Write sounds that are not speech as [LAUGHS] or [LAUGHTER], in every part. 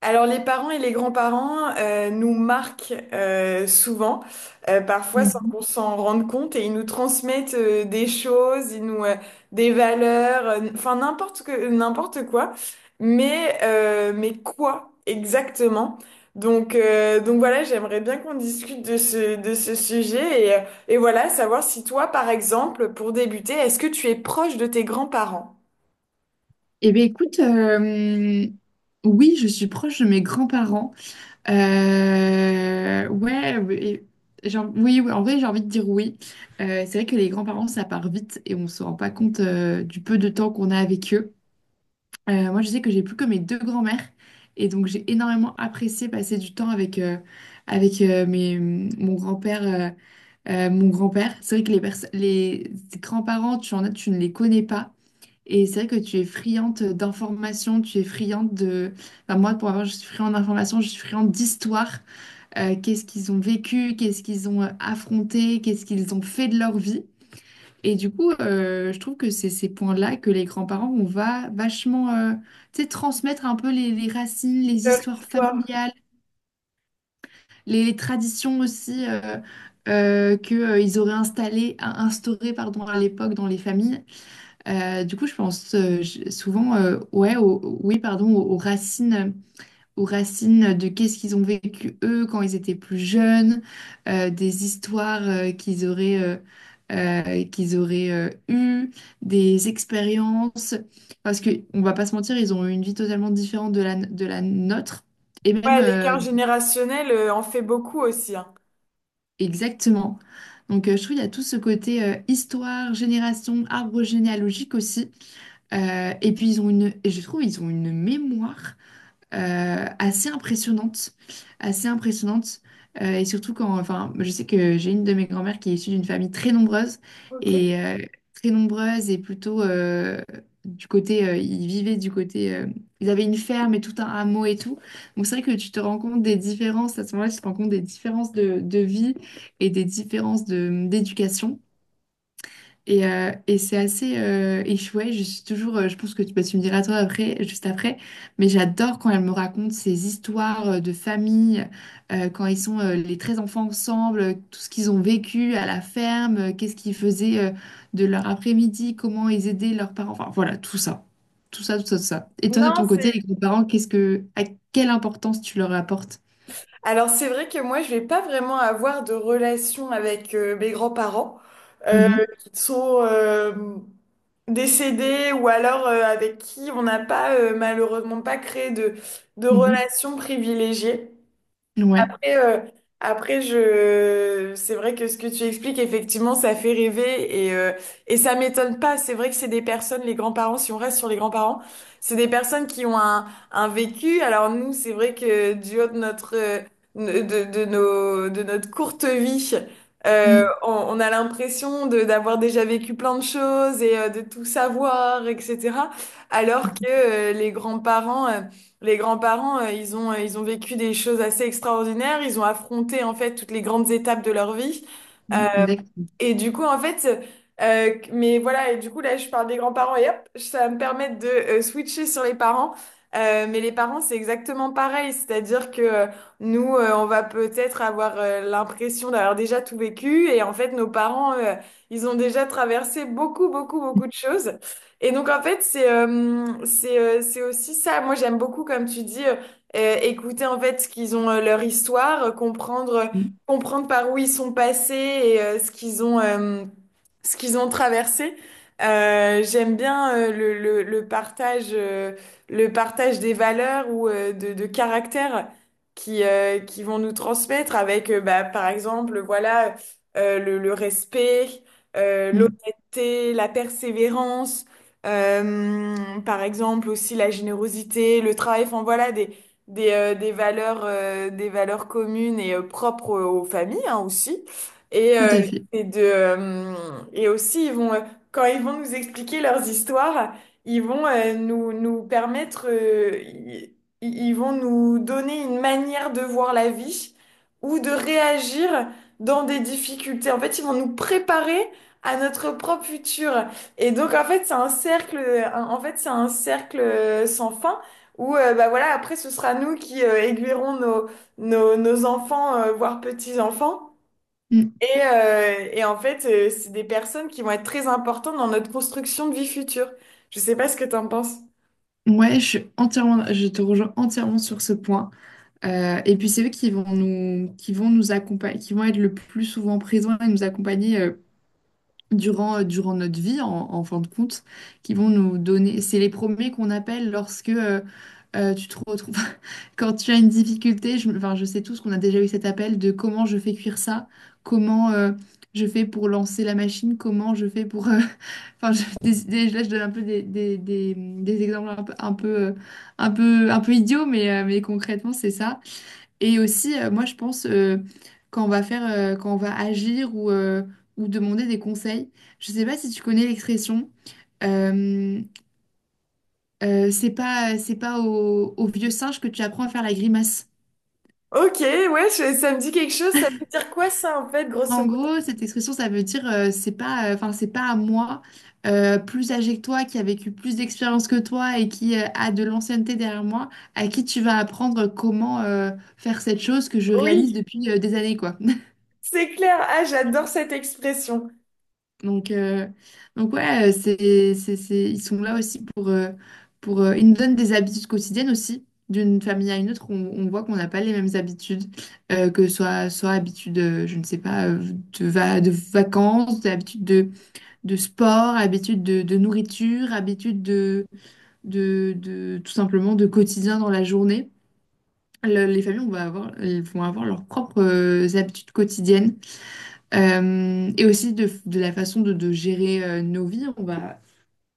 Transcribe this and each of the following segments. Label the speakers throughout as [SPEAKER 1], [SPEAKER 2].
[SPEAKER 1] Alors les parents et les grands-parents nous marquent souvent, parfois sans qu'on
[SPEAKER 2] Mhm.
[SPEAKER 1] s'en rende compte, et ils nous transmettent des choses, ils nous des valeurs, enfin n'importe quoi, mais quoi exactement? Donc voilà, j'aimerais bien qu'on discute de ce sujet et et voilà savoir si toi par exemple pour débuter, est-ce que tu es proche de tes grands-parents?
[SPEAKER 2] Eh bien, écoute, oui, je suis proche de mes grands-parents. Ouais, oui, oui, oui, en vrai, j'ai envie de dire oui. C'est vrai que les grands-parents, ça part vite et on ne se rend pas compte du peu de temps qu'on a avec eux. Moi, je sais que j'ai plus que mes deux grands-mères, et donc j'ai énormément apprécié passer du temps avec mon grand-père. Mon grand-père, c'est vrai que les grands-parents, tu en as, tu ne les connais pas. Et c'est vrai que tu es friande d'informations, tu es friande de... Enfin, moi, pour avoir, je suis friande d'informations, je suis friande d'histoire. Qu'est-ce qu'ils ont vécu, qu'est-ce qu'ils ont affronté, qu'est-ce qu'ils ont fait de leur vie. Et du coup, je trouve que c'est ces points-là que les grands-parents, on va vachement, tu sais, transmettre un peu les racines, les
[SPEAKER 1] Leur
[SPEAKER 2] histoires
[SPEAKER 1] histoire.
[SPEAKER 2] familiales, les traditions aussi, ils auraient installées, instaurées, pardon, à l'époque dans les familles. Du coup, je pense souvent, ouais, oui, pardon, aux racines de qu'est-ce qu'ils ont vécu eux quand ils étaient plus jeunes, des histoires qu'ils auraient eues, des expériences, parce que on va pas se mentir, ils ont eu une vie totalement différente de la nôtre, et même,
[SPEAKER 1] Ouais, l'écart générationnel en fait beaucoup aussi, hein.
[SPEAKER 2] exactement. Donc, je trouve qu'il y a tout ce côté histoire, génération, arbre généalogique aussi. Et je trouve ils ont une mémoire assez impressionnante, assez impressionnante. Et surtout quand, enfin, je sais que j'ai une de mes grand-mères qui est issue d'une famille très nombreuse,
[SPEAKER 1] Ok.
[SPEAKER 2] et euh, très nombreuse et plutôt, ils vivaient du côté, ils avaient une ferme et tout un hameau et tout. Donc c'est vrai que tu te rends compte des différences à ce moment-là, tu te rends compte des différences de vie et des différences de d'éducation. Et c'est assez, ouais, je suis toujours, je pense que tu, bah, tu me diras toi après, juste après, mais j'adore quand elle me raconte ces histoires de famille, quand ils sont les 13 enfants ensemble, tout ce qu'ils ont vécu à la ferme, qu'est-ce qu'ils faisaient de leur après-midi, comment ils aidaient leurs parents, enfin voilà, tout ça. Tout ça, tout ça, tout ça. Et toi, de
[SPEAKER 1] Non,
[SPEAKER 2] ton
[SPEAKER 1] c'est...
[SPEAKER 2] côté, les grands-parents, qu'est-ce que, à quelle importance tu leur apportes?
[SPEAKER 1] Alors, c'est vrai que moi, je vais pas vraiment avoir de relation avec mes grands-parents euh,
[SPEAKER 2] Mhm,
[SPEAKER 1] qui sont décédés ou alors avec qui on n'a pas, malheureusement, pas créé de relation privilégiée.
[SPEAKER 2] mhm, ouais.
[SPEAKER 1] Après, euh, après, je... c'est vrai que ce que tu expliques, effectivement, ça fait rêver et et ça m'étonne pas. C'est vrai que c'est des personnes, les grands-parents, si on reste sur les grands-parents, c'est des personnes qui ont un vécu. Alors nous, c'est vrai que du haut de notre, de nos, de notre courte vie,
[SPEAKER 2] Mm,
[SPEAKER 1] on a l'impression de, d'avoir déjà vécu plein de choses et de tout savoir, etc. Alors que les grands-parents, ils ont vécu des choses assez extraordinaires. Ils ont affronté en fait toutes les grandes étapes de leur vie.
[SPEAKER 2] mm, d'accord.
[SPEAKER 1] Et du coup, en fait, mais voilà, et du coup, là, je parle des grands-parents et hop, ça va me permettre de switcher sur les parents. Mais les parents, c'est exactement pareil. C'est-à-dire que nous, on va peut-être avoir l'impression d'avoir déjà tout vécu. Et en fait, nos parents, ils ont déjà traversé beaucoup, beaucoup, beaucoup de choses. Et donc, en fait, c'est aussi ça. Moi, j'aime beaucoup, comme tu dis, écouter en fait ce qu'ils ont, leur histoire,
[SPEAKER 2] Mm,
[SPEAKER 1] comprendre par où ils sont passés et ce qu'ils ont traversé. J'aime bien le partage des valeurs ou de caractères qui vont nous transmettre avec, bah, par exemple, voilà, le respect,
[SPEAKER 2] mm,
[SPEAKER 1] l'honnêteté, la persévérance, euh, par exemple aussi la générosité, le travail, enfin voilà, des valeurs communes et propres aux, aux familles hein, aussi. Et,
[SPEAKER 2] tout
[SPEAKER 1] euh,
[SPEAKER 2] à fait.
[SPEAKER 1] et, de, euh, et aussi, ils vont, quand ils vont nous expliquer leurs histoires, ils vont nous, nous permettre, ils vont nous donner une manière de voir la vie ou de réagir dans des difficultés. En fait, ils vont nous préparer à notre propre futur. Et donc, en fait, c'est un cercle, en fait, c'est un cercle sans fin ou bah voilà, après ce sera nous qui aiguillerons nos, nos, nos enfants, voire petits-enfants.
[SPEAKER 2] Mmh.
[SPEAKER 1] Et et en fait, c'est des personnes qui vont être très importantes dans notre construction de vie future. Je sais pas ce que t'en penses.
[SPEAKER 2] Ouais, je suis entièrement, je te rejoins entièrement sur ce point. Et puis c'est eux qui vont qui vont nous accompagner, qui vont être le plus souvent présents et nous accompagner, durant notre vie, en fin de compte, qui vont nous donner. C'est les premiers qu'on appelle lorsque tu te retrouves, [LAUGHS] quand tu as une difficulté. Enfin, je sais tous qu'on a déjà eu cet appel de comment je fais cuire ça, comment, je fais pour lancer la machine, comment je fais pour enfin, là, je donne un peu des exemples un peu idiots, mais concrètement, c'est ça. Et aussi, moi, je pense, quand on va agir, ou demander des conseils, je sais pas si tu connais l'expression, euh, c'est pas au, au vieux singe que tu apprends à faire la grimace.
[SPEAKER 1] Ok, ouais, je- ça me dit quelque chose. Ça veut dire quoi ça en fait, grosso
[SPEAKER 2] En
[SPEAKER 1] modo?
[SPEAKER 2] gros, cette expression, ça veut dire, c'est pas, enfin c'est pas à moi, plus âgé que toi, qui a vécu plus d'expérience que toi et qui a de l'ancienneté derrière moi, à qui tu vas apprendre comment faire cette chose que je réalise
[SPEAKER 1] Oui,
[SPEAKER 2] depuis des années, quoi. [LAUGHS]
[SPEAKER 1] c'est clair. Ah, j'adore cette expression.
[SPEAKER 2] Donc, euh, donc ouais, ils sont là aussi pour, ils nous donnent des habitudes quotidiennes aussi. D'une famille à une autre, on voit qu'on n'a pas les mêmes habitudes, que ce soit, soit habitude, je ne sais pas, de vacances, d'habitude de sport, habitudes de nourriture, habitudes tout simplement de quotidien dans la journée. Les familles on va avoir, elles vont avoir leurs propres habitudes quotidiennes. Et aussi de la façon de gérer nos vies.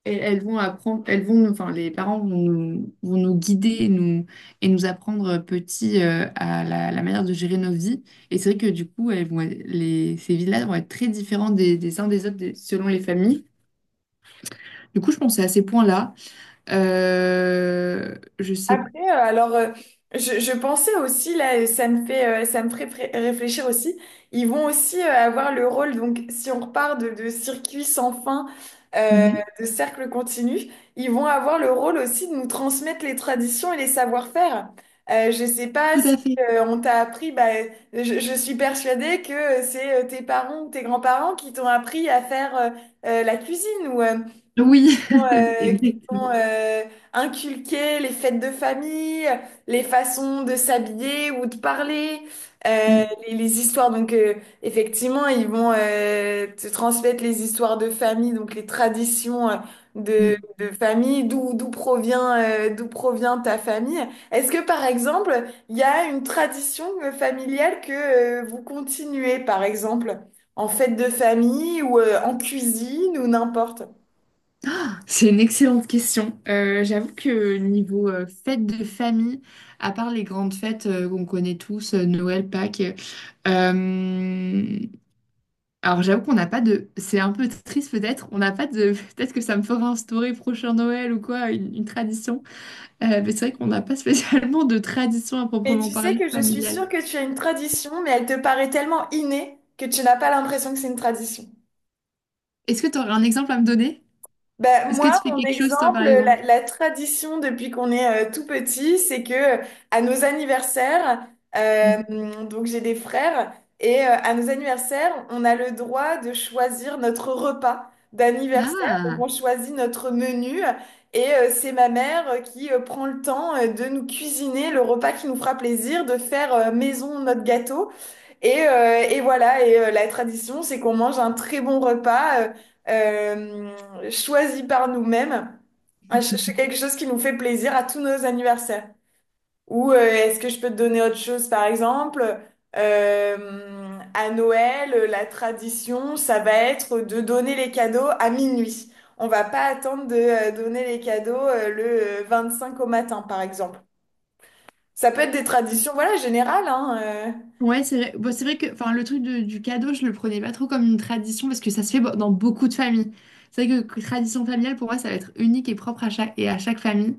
[SPEAKER 2] Elles, elles vont apprendre, enfin, les parents vont vont nous guider et et nous apprendre, petits, la manière de gérer nos vies. Et c'est vrai que du coup, elles vont être- les, ces vies-là vont être très différentes des uns des autres selon les familles. Du coup, je pensais à ces points-là. Je sais.
[SPEAKER 1] Après, euh, alors, euh, je pensais aussi, là, ça me fait, ça me ferait réfléchir aussi, ils vont aussi avoir le rôle, donc si on repart de circuit sans fin, euh,
[SPEAKER 2] Mhm.
[SPEAKER 1] de cercle continu, ils vont avoir le rôle aussi de nous transmettre les traditions et les savoir-faire. Je sais pas
[SPEAKER 2] Tout à
[SPEAKER 1] si
[SPEAKER 2] fait.
[SPEAKER 1] on t'a appris, bah, je suis persuadée que c'est tes parents ou tes grands-parents qui t'ont appris à faire la cuisine ou qui
[SPEAKER 2] Oui,
[SPEAKER 1] t'ont...
[SPEAKER 2] [LAUGHS] exactement.
[SPEAKER 1] inculquer les fêtes de famille, les façons de s'habiller ou de parler,
[SPEAKER 2] Mm,
[SPEAKER 1] les histoires. Donc, effectivement, ils vont te transmettre les histoires de famille, donc les traditions
[SPEAKER 2] mm.
[SPEAKER 1] de famille, d'où provient ta famille. Est-ce que, par exemple, il y a une tradition familiale que vous continuez, par exemple, en fête de famille ou en cuisine ou n'importe?
[SPEAKER 2] C'est une excellente question. J'avoue que niveau fête de famille, à part les grandes fêtes qu'on connaît tous, Noël, Pâques, euh, alors j'avoue qu'on n'a pas de... C'est un peu triste peut-être, on n'a pas de... [LAUGHS] Peut-être que ça me fera instaurer prochain Noël ou quoi, une tradition. Mais c'est vrai qu'on n'a pas spécialement de tradition à
[SPEAKER 1] Mais
[SPEAKER 2] proprement
[SPEAKER 1] tu sais
[SPEAKER 2] parler
[SPEAKER 1] que je suis
[SPEAKER 2] familiale.
[SPEAKER 1] sûre que tu as une tradition, mais elle te paraît tellement innée que tu n'as pas l'impression que c'est une tradition.
[SPEAKER 2] Est-ce que tu aurais un exemple à me donner?
[SPEAKER 1] Ben,
[SPEAKER 2] Est-ce
[SPEAKER 1] moi,
[SPEAKER 2] que tu fais
[SPEAKER 1] mon
[SPEAKER 2] quelque chose, toi, par
[SPEAKER 1] exemple, la,
[SPEAKER 2] exemple?
[SPEAKER 1] la tradition depuis qu'on est tout petit, c'est que euh, à nos anniversaires, euh,
[SPEAKER 2] Mhm.
[SPEAKER 1] donc j'ai des frères, et à nos anniversaires, on a le droit de choisir notre repas d'anniversaire. Donc on
[SPEAKER 2] Ah,
[SPEAKER 1] choisit notre menu, et c'est ma mère qui prend le temps de nous cuisiner le repas qui nous fera plaisir, de faire maison notre gâteau. Et voilà, la tradition, c'est qu'on mange un très bon repas choisi par nous-mêmes. Ah, c'est quelque chose qui nous fait plaisir à tous nos anniversaires. Ou est-ce que je peux te donner autre chose, par exemple? À Noël, la tradition, ça va être de donner les cadeaux à minuit. On va pas attendre de donner les cadeaux le 25 au matin, par exemple. Ça peut être des traditions, voilà, générales, hein. euh.
[SPEAKER 2] ouais, c'est vrai. Bon, c'est vrai que enfin, du cadeau, je le prenais pas trop comme une tradition parce que ça se fait dans beaucoup de familles. C'est vrai que tradition familiale, pour moi, ça va être unique et propre à chaque famille.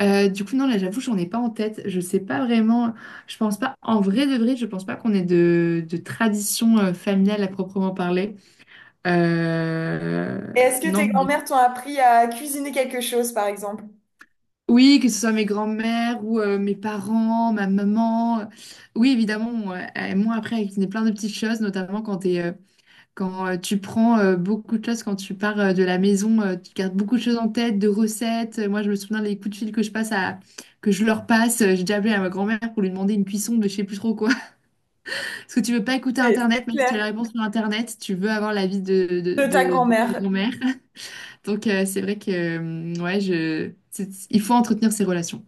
[SPEAKER 2] Du coup, non, là, j'avoue, j'en ai pas en tête. Je sais pas vraiment. Je pense pas, en vrai de vrai, je pense pas qu'on ait de tradition familiale à proprement parler. Euh,
[SPEAKER 1] Est-ce que
[SPEAKER 2] Non,
[SPEAKER 1] tes
[SPEAKER 2] j'en ai
[SPEAKER 1] grand-mères t'ont appris à cuisiner quelque chose, par exemple?
[SPEAKER 2] oui, que ce soit mes grands-mères ou mes parents, ma maman. Oui, évidemment, moi après, avec plein de petites choses, notamment quand tu prends beaucoup de choses, quand tu pars de la maison, tu gardes beaucoup de choses en tête, de recettes. Moi, je me souviens des coups de fil que je leur passe. J'ai déjà appelé à ma grand-mère pour lui demander une cuisson de je sais plus trop quoi. [LAUGHS] Parce que tu veux pas écouter
[SPEAKER 1] C'est
[SPEAKER 2] Internet, même si tu as
[SPEAKER 1] clair.
[SPEAKER 2] la réponse sur Internet, tu veux avoir l'avis
[SPEAKER 1] De ta
[SPEAKER 2] de ta
[SPEAKER 1] grand-mère.
[SPEAKER 2] grand-mère. [LAUGHS] Donc, c'est vrai que, ouais, je... il faut entretenir ces relations.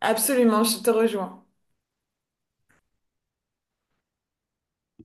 [SPEAKER 1] Absolument, je te rejoins.